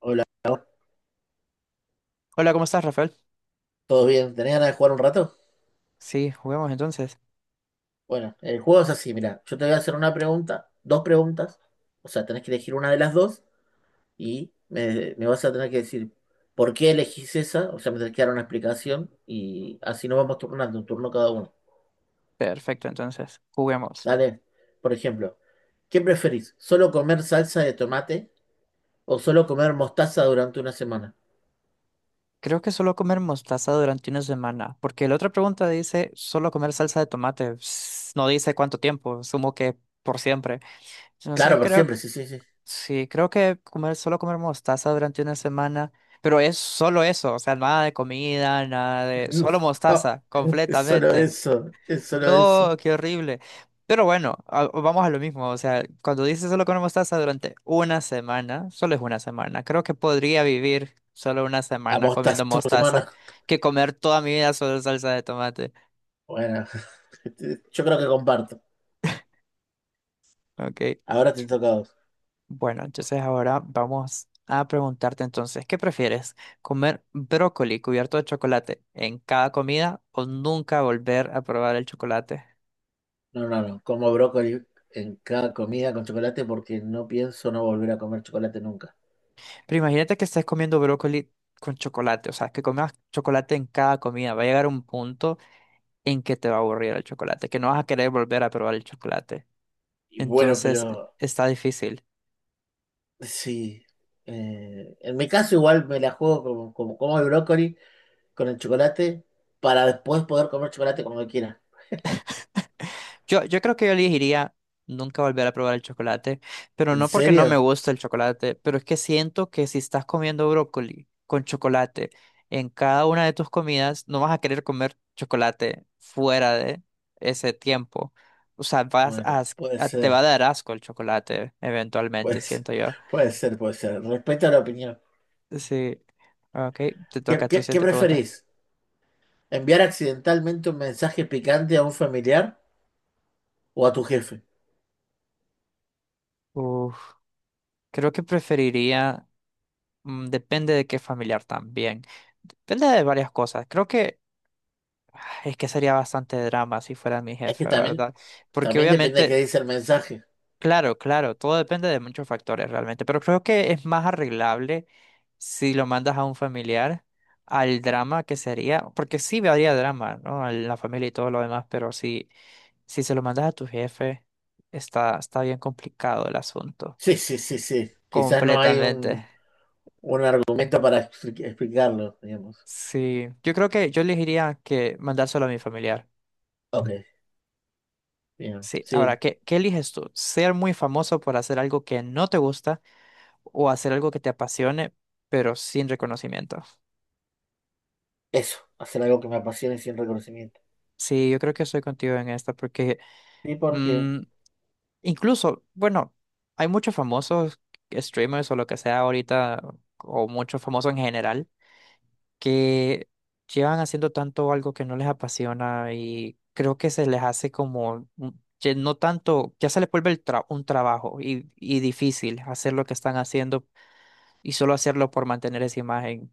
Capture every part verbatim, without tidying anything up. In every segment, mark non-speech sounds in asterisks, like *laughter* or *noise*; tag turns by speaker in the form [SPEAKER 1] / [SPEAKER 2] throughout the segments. [SPEAKER 1] Hola,
[SPEAKER 2] Hola, ¿cómo estás, Rafael?
[SPEAKER 1] ¿todo bien? ¿Tenés ganas de jugar un rato?
[SPEAKER 2] Sí, juguemos entonces.
[SPEAKER 1] Bueno, el juego es así, mira, yo te voy a hacer una pregunta, dos preguntas, o sea, tenés que elegir una de las dos y me, me vas a tener que decir por qué elegís esa, o sea, me tenés que dar una explicación y así nos vamos turnando, un turno cada uno.
[SPEAKER 2] Perfecto, entonces, juguemos.
[SPEAKER 1] Dale, por ejemplo, ¿qué preferís? ¿Solo comer salsa de tomate o solo comer mostaza durante una semana?
[SPEAKER 2] Creo que solo comer mostaza durante una semana, porque la otra pregunta dice solo comer salsa de tomate. Ps, no dice cuánto tiempo, sumo que por siempre. Entonces
[SPEAKER 1] Claro, por
[SPEAKER 2] creo,
[SPEAKER 1] siempre, sí, sí, sí.
[SPEAKER 2] sí, creo que comer solo comer mostaza durante una semana, pero es solo eso, o sea, nada de comida, nada de, solo
[SPEAKER 1] *laughs*
[SPEAKER 2] mostaza,
[SPEAKER 1] No, es solo
[SPEAKER 2] completamente.
[SPEAKER 1] eso, es solo eso.
[SPEAKER 2] No, qué horrible. Pero bueno, a- vamos a lo mismo. O sea, cuando dices solo con mostaza durante una semana, solo es una semana. Creo que podría vivir solo una
[SPEAKER 1] La
[SPEAKER 2] semana
[SPEAKER 1] mostaza
[SPEAKER 2] comiendo
[SPEAKER 1] por
[SPEAKER 2] mostaza
[SPEAKER 1] semana.
[SPEAKER 2] que comer toda mi vida solo salsa de tomate.
[SPEAKER 1] Bueno, *laughs* yo creo que comparto.
[SPEAKER 2] Ok.
[SPEAKER 1] Ahora te toca a vos.
[SPEAKER 2] Bueno, entonces ahora vamos a preguntarte entonces, ¿qué prefieres? ¿Comer brócoli cubierto de chocolate en cada comida o nunca volver a probar el chocolate?
[SPEAKER 1] No, no, no. Como brócoli en cada comida con chocolate porque no pienso no volver a comer chocolate nunca.
[SPEAKER 2] Pero imagínate que estés comiendo brócoli con chocolate, o sea, que comas chocolate en cada comida. Va a llegar un punto en que te va a aburrir el chocolate, que no vas a querer volver a probar el chocolate.
[SPEAKER 1] Y bueno,
[SPEAKER 2] Entonces,
[SPEAKER 1] pero
[SPEAKER 2] está difícil.
[SPEAKER 1] sí. Eh, en mi caso igual me la juego como, como como el brócoli con el chocolate para después poder comer chocolate cuando quiera.
[SPEAKER 2] Yo, yo creo que yo elegiría nunca volver a probar el chocolate, pero
[SPEAKER 1] ¿En
[SPEAKER 2] no porque no me
[SPEAKER 1] serio?
[SPEAKER 2] gusta el chocolate, pero es que siento que si estás comiendo brócoli con chocolate en cada una de tus comidas, no vas a querer comer chocolate fuera de ese tiempo. O sea, vas
[SPEAKER 1] Bueno,
[SPEAKER 2] a, as-
[SPEAKER 1] puede
[SPEAKER 2] a- te va a
[SPEAKER 1] ser.
[SPEAKER 2] dar asco el chocolate eventualmente,
[SPEAKER 1] Pues,
[SPEAKER 2] siento yo.
[SPEAKER 1] puede ser, puede ser. Respeto a la opinión.
[SPEAKER 2] Sí. Ok, te
[SPEAKER 1] ¿Qué,
[SPEAKER 2] toca tu
[SPEAKER 1] qué, qué
[SPEAKER 2] siguiente pregunta.
[SPEAKER 1] preferís? ¿Enviar accidentalmente un mensaje picante a un familiar o a tu jefe?
[SPEAKER 2] Uf, creo que preferiría, mm, depende de qué familiar también. Depende de varias cosas. Creo que es que sería bastante drama si fuera mi
[SPEAKER 1] Es que
[SPEAKER 2] jefe,
[SPEAKER 1] también,
[SPEAKER 2] ¿verdad? Porque
[SPEAKER 1] también depende de qué
[SPEAKER 2] obviamente,
[SPEAKER 1] dice el mensaje.
[SPEAKER 2] claro, claro, todo depende de muchos factores realmente, pero creo que es más arreglable si lo mandas a un familiar al drama que sería, porque sí habría drama, ¿no? En la familia y todo lo demás, pero si, si se lo mandas a tu jefe, está, está bien complicado el asunto,
[SPEAKER 1] Sí, sí, sí, sí. Quizás no hay
[SPEAKER 2] completamente.
[SPEAKER 1] un, un argumento para expli- explicarlo, digamos.
[SPEAKER 2] Sí, yo creo que yo elegiría que mandárselo a mi familiar.
[SPEAKER 1] Ok, bien.
[SPEAKER 2] Sí, ahora,
[SPEAKER 1] Sí,
[SPEAKER 2] ¿qué, qué eliges tú? ¿Ser muy famoso por hacer algo que no te gusta o hacer algo que te apasione, pero sin reconocimiento?
[SPEAKER 1] eso, hacer algo que me apasione sin reconocimiento.
[SPEAKER 2] Sí, yo creo que estoy contigo en esta porque
[SPEAKER 1] Sí, porque
[SPEAKER 2] mm, incluso, bueno, hay muchos famosos streamers o lo que sea ahorita, o muchos famosos en general, que llevan haciendo tanto algo que no les apasiona y creo que se les hace como, un- que no tanto, ya se les vuelve el tra- un trabajo y, y difícil hacer lo que están haciendo y solo hacerlo por mantener esa imagen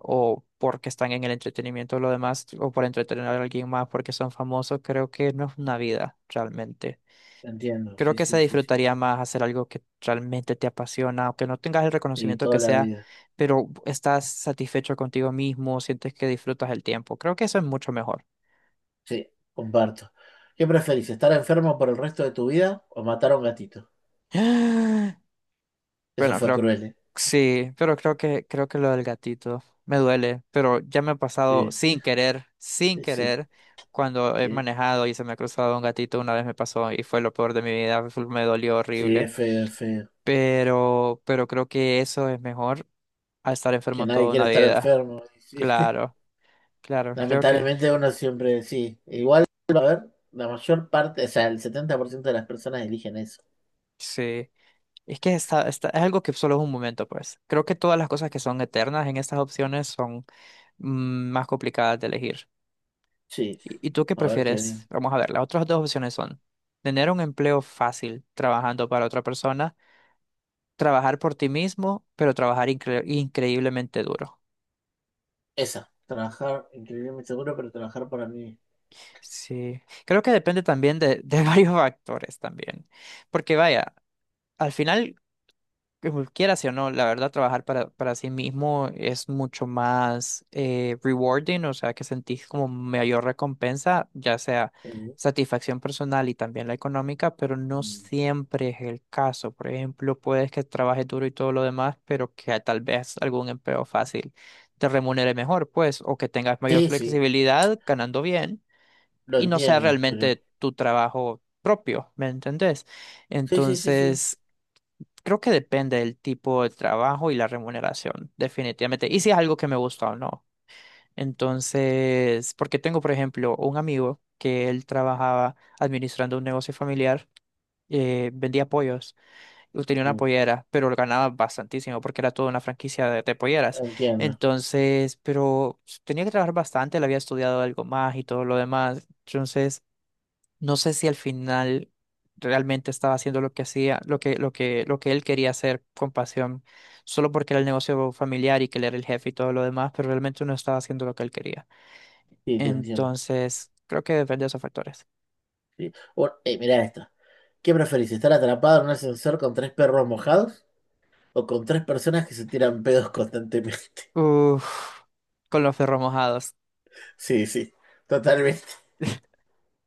[SPEAKER 2] o porque están en el entretenimiento o lo demás o por entretener a alguien más porque son famosos, creo que no es una vida realmente.
[SPEAKER 1] entiendo,
[SPEAKER 2] Creo
[SPEAKER 1] sí,
[SPEAKER 2] que se
[SPEAKER 1] sí, sí, sí.
[SPEAKER 2] disfrutaría más hacer algo que realmente te apasiona, aunque no tengas el
[SPEAKER 1] Sí,
[SPEAKER 2] reconocimiento que
[SPEAKER 1] toda la
[SPEAKER 2] sea,
[SPEAKER 1] vida.
[SPEAKER 2] pero estás satisfecho contigo mismo, sientes que disfrutas el tiempo. Creo que eso es mucho mejor.
[SPEAKER 1] Sí, comparto. ¿Qué preferís, estar enfermo por el resto de tu vida o matar a un gatito?
[SPEAKER 2] *gasps*
[SPEAKER 1] Eso
[SPEAKER 2] Bueno,
[SPEAKER 1] fue
[SPEAKER 2] creo,
[SPEAKER 1] cruel, ¿eh?
[SPEAKER 2] sí, pero creo que, creo que lo del gatito me duele, pero ya me ha pasado
[SPEAKER 1] Sí,
[SPEAKER 2] sin querer, sin
[SPEAKER 1] sí, sí.
[SPEAKER 2] querer, cuando he
[SPEAKER 1] Sí,
[SPEAKER 2] manejado y se me ha cruzado un gatito, una vez me pasó y fue lo peor de mi vida, fue- me dolió
[SPEAKER 1] sí,
[SPEAKER 2] horrible,
[SPEAKER 1] es feo, es feo.
[SPEAKER 2] pero, pero creo que eso es mejor a estar
[SPEAKER 1] Que
[SPEAKER 2] enfermo
[SPEAKER 1] nadie
[SPEAKER 2] toda una
[SPEAKER 1] quiere estar
[SPEAKER 2] vida.
[SPEAKER 1] enfermo. Sí.
[SPEAKER 2] Claro, claro, creo que
[SPEAKER 1] Lamentablemente uno siempre, sí. Igual, a ver, la mayor parte, o sea, el setenta por ciento de las personas eligen eso.
[SPEAKER 2] sí. Es que está, está, es algo que solo es un momento, pues. Creo que todas las cosas que son eternas en estas opciones son mm, más complicadas de elegir.
[SPEAKER 1] Sí,
[SPEAKER 2] ¿Y y tú qué
[SPEAKER 1] a ver qué
[SPEAKER 2] prefieres?
[SPEAKER 1] bien.
[SPEAKER 2] Vamos a ver, las otras dos opciones son tener un empleo fácil trabajando para otra persona, trabajar por ti mismo, pero trabajar incre- increíblemente duro.
[SPEAKER 1] Esa, trabajar increíblemente seguro, pero trabajar para mí.
[SPEAKER 2] Sí, creo que depende también de, de *laughs* varios factores también, porque vaya, al final que cualquiera sí o no, la verdad, trabajar para, para sí mismo es mucho más eh, rewarding, o sea, que sentís como mayor recompensa, ya sea
[SPEAKER 1] Sí,
[SPEAKER 2] satisfacción personal y también la económica, pero no
[SPEAKER 1] mm,
[SPEAKER 2] siempre es el caso. Por ejemplo, puedes que trabajes duro y todo lo demás, pero que tal vez algún empleo fácil te remunere mejor, pues, o que tengas mayor
[SPEAKER 1] sí, sí,
[SPEAKER 2] flexibilidad ganando bien
[SPEAKER 1] lo
[SPEAKER 2] y no sea
[SPEAKER 1] entiendo, pero...
[SPEAKER 2] realmente tu trabajo propio, ¿me entendés?
[SPEAKER 1] Sí, sí, sí, sí.
[SPEAKER 2] Entonces, creo que depende del tipo de trabajo y la remuneración, definitivamente. Y si es algo que me gusta o no. Entonces, porque tengo, por ejemplo, un amigo que él trabajaba administrando un negocio familiar, eh, vendía pollos, y tenía una
[SPEAKER 1] Mm,
[SPEAKER 2] pollera, pero lo ganaba bastantísimo porque era toda una franquicia de, de polleras.
[SPEAKER 1] entiendo,
[SPEAKER 2] Entonces, pero tenía que trabajar bastante, él había estudiado algo más y todo lo demás. Entonces, no sé si al final realmente estaba haciendo lo que hacía, lo que, lo que, lo que él quería hacer con pasión, solo porque era el negocio familiar y que él era el jefe y todo lo demás, pero realmente no estaba haciendo lo que él quería.
[SPEAKER 1] sí, te entiendo.
[SPEAKER 2] Entonces, creo que depende de esos factores.
[SPEAKER 1] Sí. O- eh, mirá esta. ¿Qué preferís, estar atrapado en un ascensor con tres perros mojados o con tres personas que se tiran pedos constantemente? *laughs*
[SPEAKER 2] Uf, con los ferros mojados. *laughs*
[SPEAKER 1] Sí, sí, totalmente.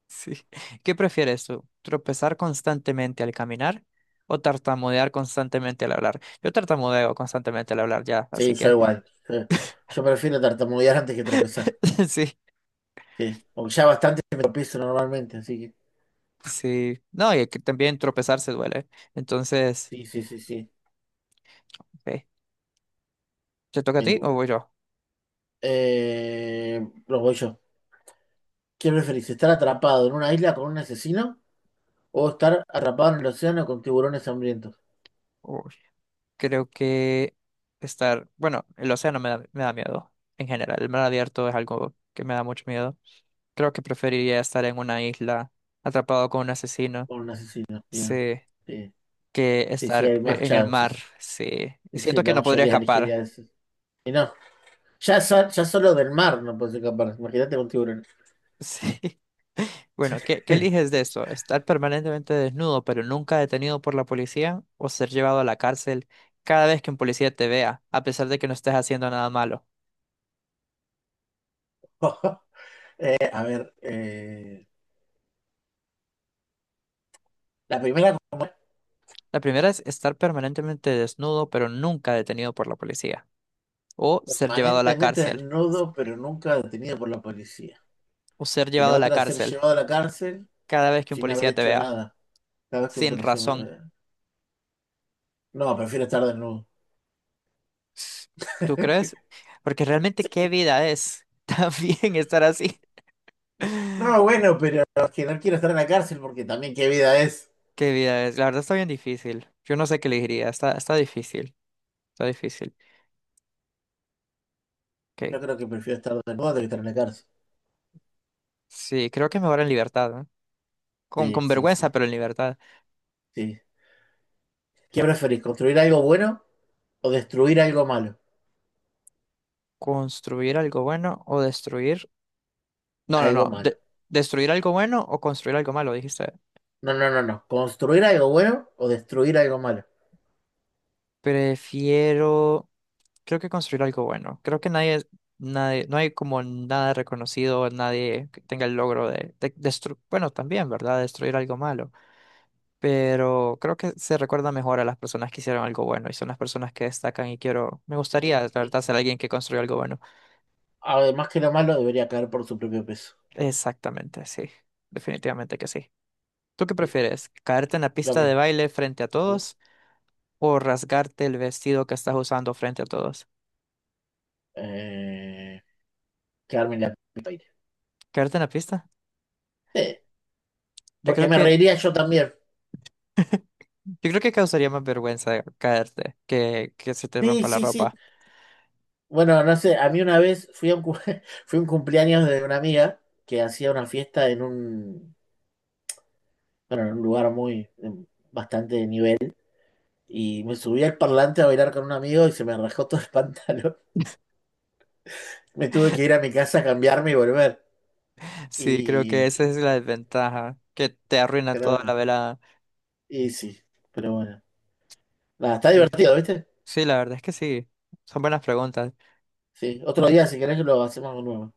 [SPEAKER 2] Sí. ¿Qué prefieres tú? ¿Tropezar constantemente al caminar o tartamudear constantemente al hablar? Yo tartamudeo constantemente al hablar ya,
[SPEAKER 1] Sí,
[SPEAKER 2] así
[SPEAKER 1] yo
[SPEAKER 2] que
[SPEAKER 1] igual. Yo, yo prefiero tartamudear antes que tropezar.
[SPEAKER 2] *laughs* sí,
[SPEAKER 1] Sí. Porque ya bastante me tropiezo normalmente, así que.
[SPEAKER 2] sí. No, y que también tropezar se duele. Entonces,
[SPEAKER 1] Sí, sí, sí, sí.
[SPEAKER 2] ok. ¿Te toca a ti o
[SPEAKER 1] Eh,
[SPEAKER 2] voy yo?
[SPEAKER 1] eh, lo voy yo. ¿Qué preferís? ¿Estar atrapado en una isla con un asesino o estar atrapado en el océano con tiburones hambrientos?
[SPEAKER 2] Uy, creo que estar, bueno, el océano me da, me da miedo en general. El mar abierto es algo que me da mucho miedo. Creo que preferiría estar en una isla atrapado con un asesino,
[SPEAKER 1] Con un asesino. Bien.
[SPEAKER 2] sí,
[SPEAKER 1] Sí,
[SPEAKER 2] que
[SPEAKER 1] sí, sí,
[SPEAKER 2] estar
[SPEAKER 1] hay más
[SPEAKER 2] e- en el mar,
[SPEAKER 1] chances.
[SPEAKER 2] sí. Y
[SPEAKER 1] Sí,
[SPEAKER 2] siento que
[SPEAKER 1] la
[SPEAKER 2] no podría
[SPEAKER 1] mayoría elegiría
[SPEAKER 2] escapar,
[SPEAKER 1] eso. Y no, ya, so- ya solo del mar no puedes escapar. Imagínate con tiburones.
[SPEAKER 2] sí. *laughs* Bueno, ¿qué, qué eliges de esto? ¿Estar permanentemente desnudo pero nunca detenido por la policía o ser llevado a la cárcel cada vez que un policía te vea, a pesar de que no estés haciendo nada malo?
[SPEAKER 1] *laughs* Eh, a ver, eh, la primera.
[SPEAKER 2] La primera es estar permanentemente desnudo, pero nunca detenido por la policía. O ser llevado a la
[SPEAKER 1] Permanentemente
[SPEAKER 2] cárcel.
[SPEAKER 1] desnudo, pero nunca detenido por la policía.
[SPEAKER 2] O ser
[SPEAKER 1] Y
[SPEAKER 2] llevado
[SPEAKER 1] la
[SPEAKER 2] a la
[SPEAKER 1] otra, ser
[SPEAKER 2] cárcel
[SPEAKER 1] llevado a la cárcel
[SPEAKER 2] cada vez que un
[SPEAKER 1] sin haber
[SPEAKER 2] policía te
[SPEAKER 1] hecho
[SPEAKER 2] vea,
[SPEAKER 1] nada. Cada vez que un
[SPEAKER 2] sin
[SPEAKER 1] policía... me-
[SPEAKER 2] razón.
[SPEAKER 1] eh, no, prefiero estar desnudo.
[SPEAKER 2] ¿Tú
[SPEAKER 1] *laughs*
[SPEAKER 2] crees? Porque realmente, ¿qué
[SPEAKER 1] Sí.
[SPEAKER 2] vida es *laughs* también estar así?
[SPEAKER 1] No, bueno, pero es que no quiero estar en la cárcel porque también qué vida es.
[SPEAKER 2] ¿Qué vida es? La verdad está bien difícil. Yo no sé qué elegiría. Está, está difícil. Está difícil. Ok.
[SPEAKER 1] Yo creo que prefiero estar desnudo que estar en la cárcel.
[SPEAKER 2] Sí, creo que mejor en libertad, ¿no? Con,
[SPEAKER 1] Sí,
[SPEAKER 2] con
[SPEAKER 1] sí,
[SPEAKER 2] vergüenza,
[SPEAKER 1] sí,
[SPEAKER 2] pero en libertad.
[SPEAKER 1] sí. ¿Qué preferís? ¿Construir algo bueno o destruir algo malo?
[SPEAKER 2] ¿Construir algo bueno o destruir? No, no,
[SPEAKER 1] Algo
[SPEAKER 2] no. De-
[SPEAKER 1] malo.
[SPEAKER 2] ¿destruir algo bueno o construir algo malo? Dijiste.
[SPEAKER 1] No, no, no, no. ¿Construir algo bueno o destruir algo malo?
[SPEAKER 2] Prefiero. Creo que construir algo bueno. Creo que nadie, nadie, no hay como nada reconocido, nadie que tenga el logro de, de destru- bueno, también, ¿verdad? Destruir algo malo. Pero creo que se recuerda mejor a las personas que hicieron algo bueno y son las personas que destacan y quiero, me gustaría, la
[SPEAKER 1] Eh,
[SPEAKER 2] verdad, ser alguien que construyó algo bueno.
[SPEAKER 1] Además que lo malo debería caer por su propio peso.
[SPEAKER 2] Exactamente, sí. Definitivamente que sí. ¿Tú qué
[SPEAKER 1] Sí,
[SPEAKER 2] prefieres? ¿Caerte en la
[SPEAKER 1] lo
[SPEAKER 2] pista de
[SPEAKER 1] mismo.
[SPEAKER 2] baile frente a
[SPEAKER 1] ¿No?
[SPEAKER 2] todos o rasgarte el vestido que estás usando frente a todos?
[SPEAKER 1] Eh, Quedarme en la puta vida.
[SPEAKER 2] Caerte en la pista.
[SPEAKER 1] Sí,
[SPEAKER 2] Yo
[SPEAKER 1] porque
[SPEAKER 2] creo
[SPEAKER 1] me
[SPEAKER 2] que,
[SPEAKER 1] reiría yo también.
[SPEAKER 2] *laughs* yo creo que causaría más vergüenza caerte que que se te
[SPEAKER 1] Sí,
[SPEAKER 2] rompa la
[SPEAKER 1] sí, sí.
[SPEAKER 2] ropa.
[SPEAKER 1] Bueno, no sé, a mí una vez fui a un, cu- *laughs* fui a un cumpleaños de una amiga que hacía una fiesta en un, bueno, en un lugar muy, en bastante nivel, y me subí al parlante a bailar con un amigo y se me rajó todo el *laughs* pantalón. Me tuve que ir a mi casa a cambiarme y volver.
[SPEAKER 2] Sí, creo que
[SPEAKER 1] Y,
[SPEAKER 2] esa es la desventaja, que te arruina
[SPEAKER 1] pero
[SPEAKER 2] toda la
[SPEAKER 1] bueno,
[SPEAKER 2] velada.
[SPEAKER 1] y sí, pero bueno. Nada, está
[SPEAKER 2] Sí,
[SPEAKER 1] divertido, ¿viste?
[SPEAKER 2] sí, la verdad es que sí. Son buenas preguntas.
[SPEAKER 1] Sí, otro día si querés lo hacemos de nuevo.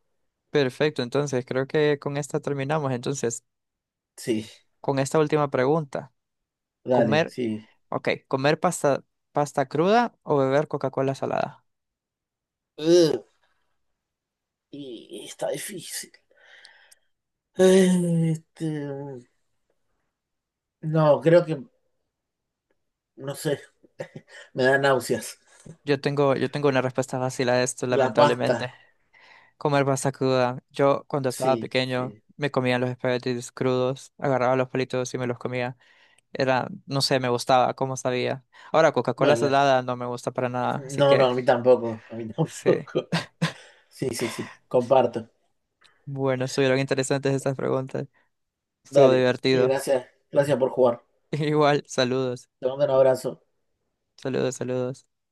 [SPEAKER 2] Perfecto, entonces creo que con esta terminamos. Entonces,
[SPEAKER 1] Sí,
[SPEAKER 2] con esta última pregunta,
[SPEAKER 1] dale,
[SPEAKER 2] comer,
[SPEAKER 1] sí.
[SPEAKER 2] ok, comer pasta, pasta cruda o beber Coca-Cola salada.
[SPEAKER 1] Ugh, y está difícil. Eh, Este, no, creo que, no sé, *laughs* me da náuseas.
[SPEAKER 2] Yo tengo, yo tengo una respuesta fácil a esto,
[SPEAKER 1] La pasta,
[SPEAKER 2] lamentablemente. Comer pasta cruda. Yo cuando estaba
[SPEAKER 1] sí,
[SPEAKER 2] pequeño
[SPEAKER 1] sí.
[SPEAKER 2] me comía los espaguetis crudos, agarraba los palitos y me los comía. Era, no sé, me gustaba, cómo sabía. Ahora Coca-Cola
[SPEAKER 1] Bueno,
[SPEAKER 2] salada no me gusta para nada, así
[SPEAKER 1] no, no,
[SPEAKER 2] que
[SPEAKER 1] a mí tampoco, a mí *laughs*
[SPEAKER 2] *laughs* sí.
[SPEAKER 1] tampoco. Sí, sí, sí, comparto.
[SPEAKER 2] Bueno, estuvieron interesantes estas preguntas. Estuvo
[SPEAKER 1] Dale, y
[SPEAKER 2] divertido.
[SPEAKER 1] gracias, gracias por jugar.
[SPEAKER 2] *laughs* Igual, saludos,
[SPEAKER 1] Te mando un abrazo.
[SPEAKER 2] saludos, saludos.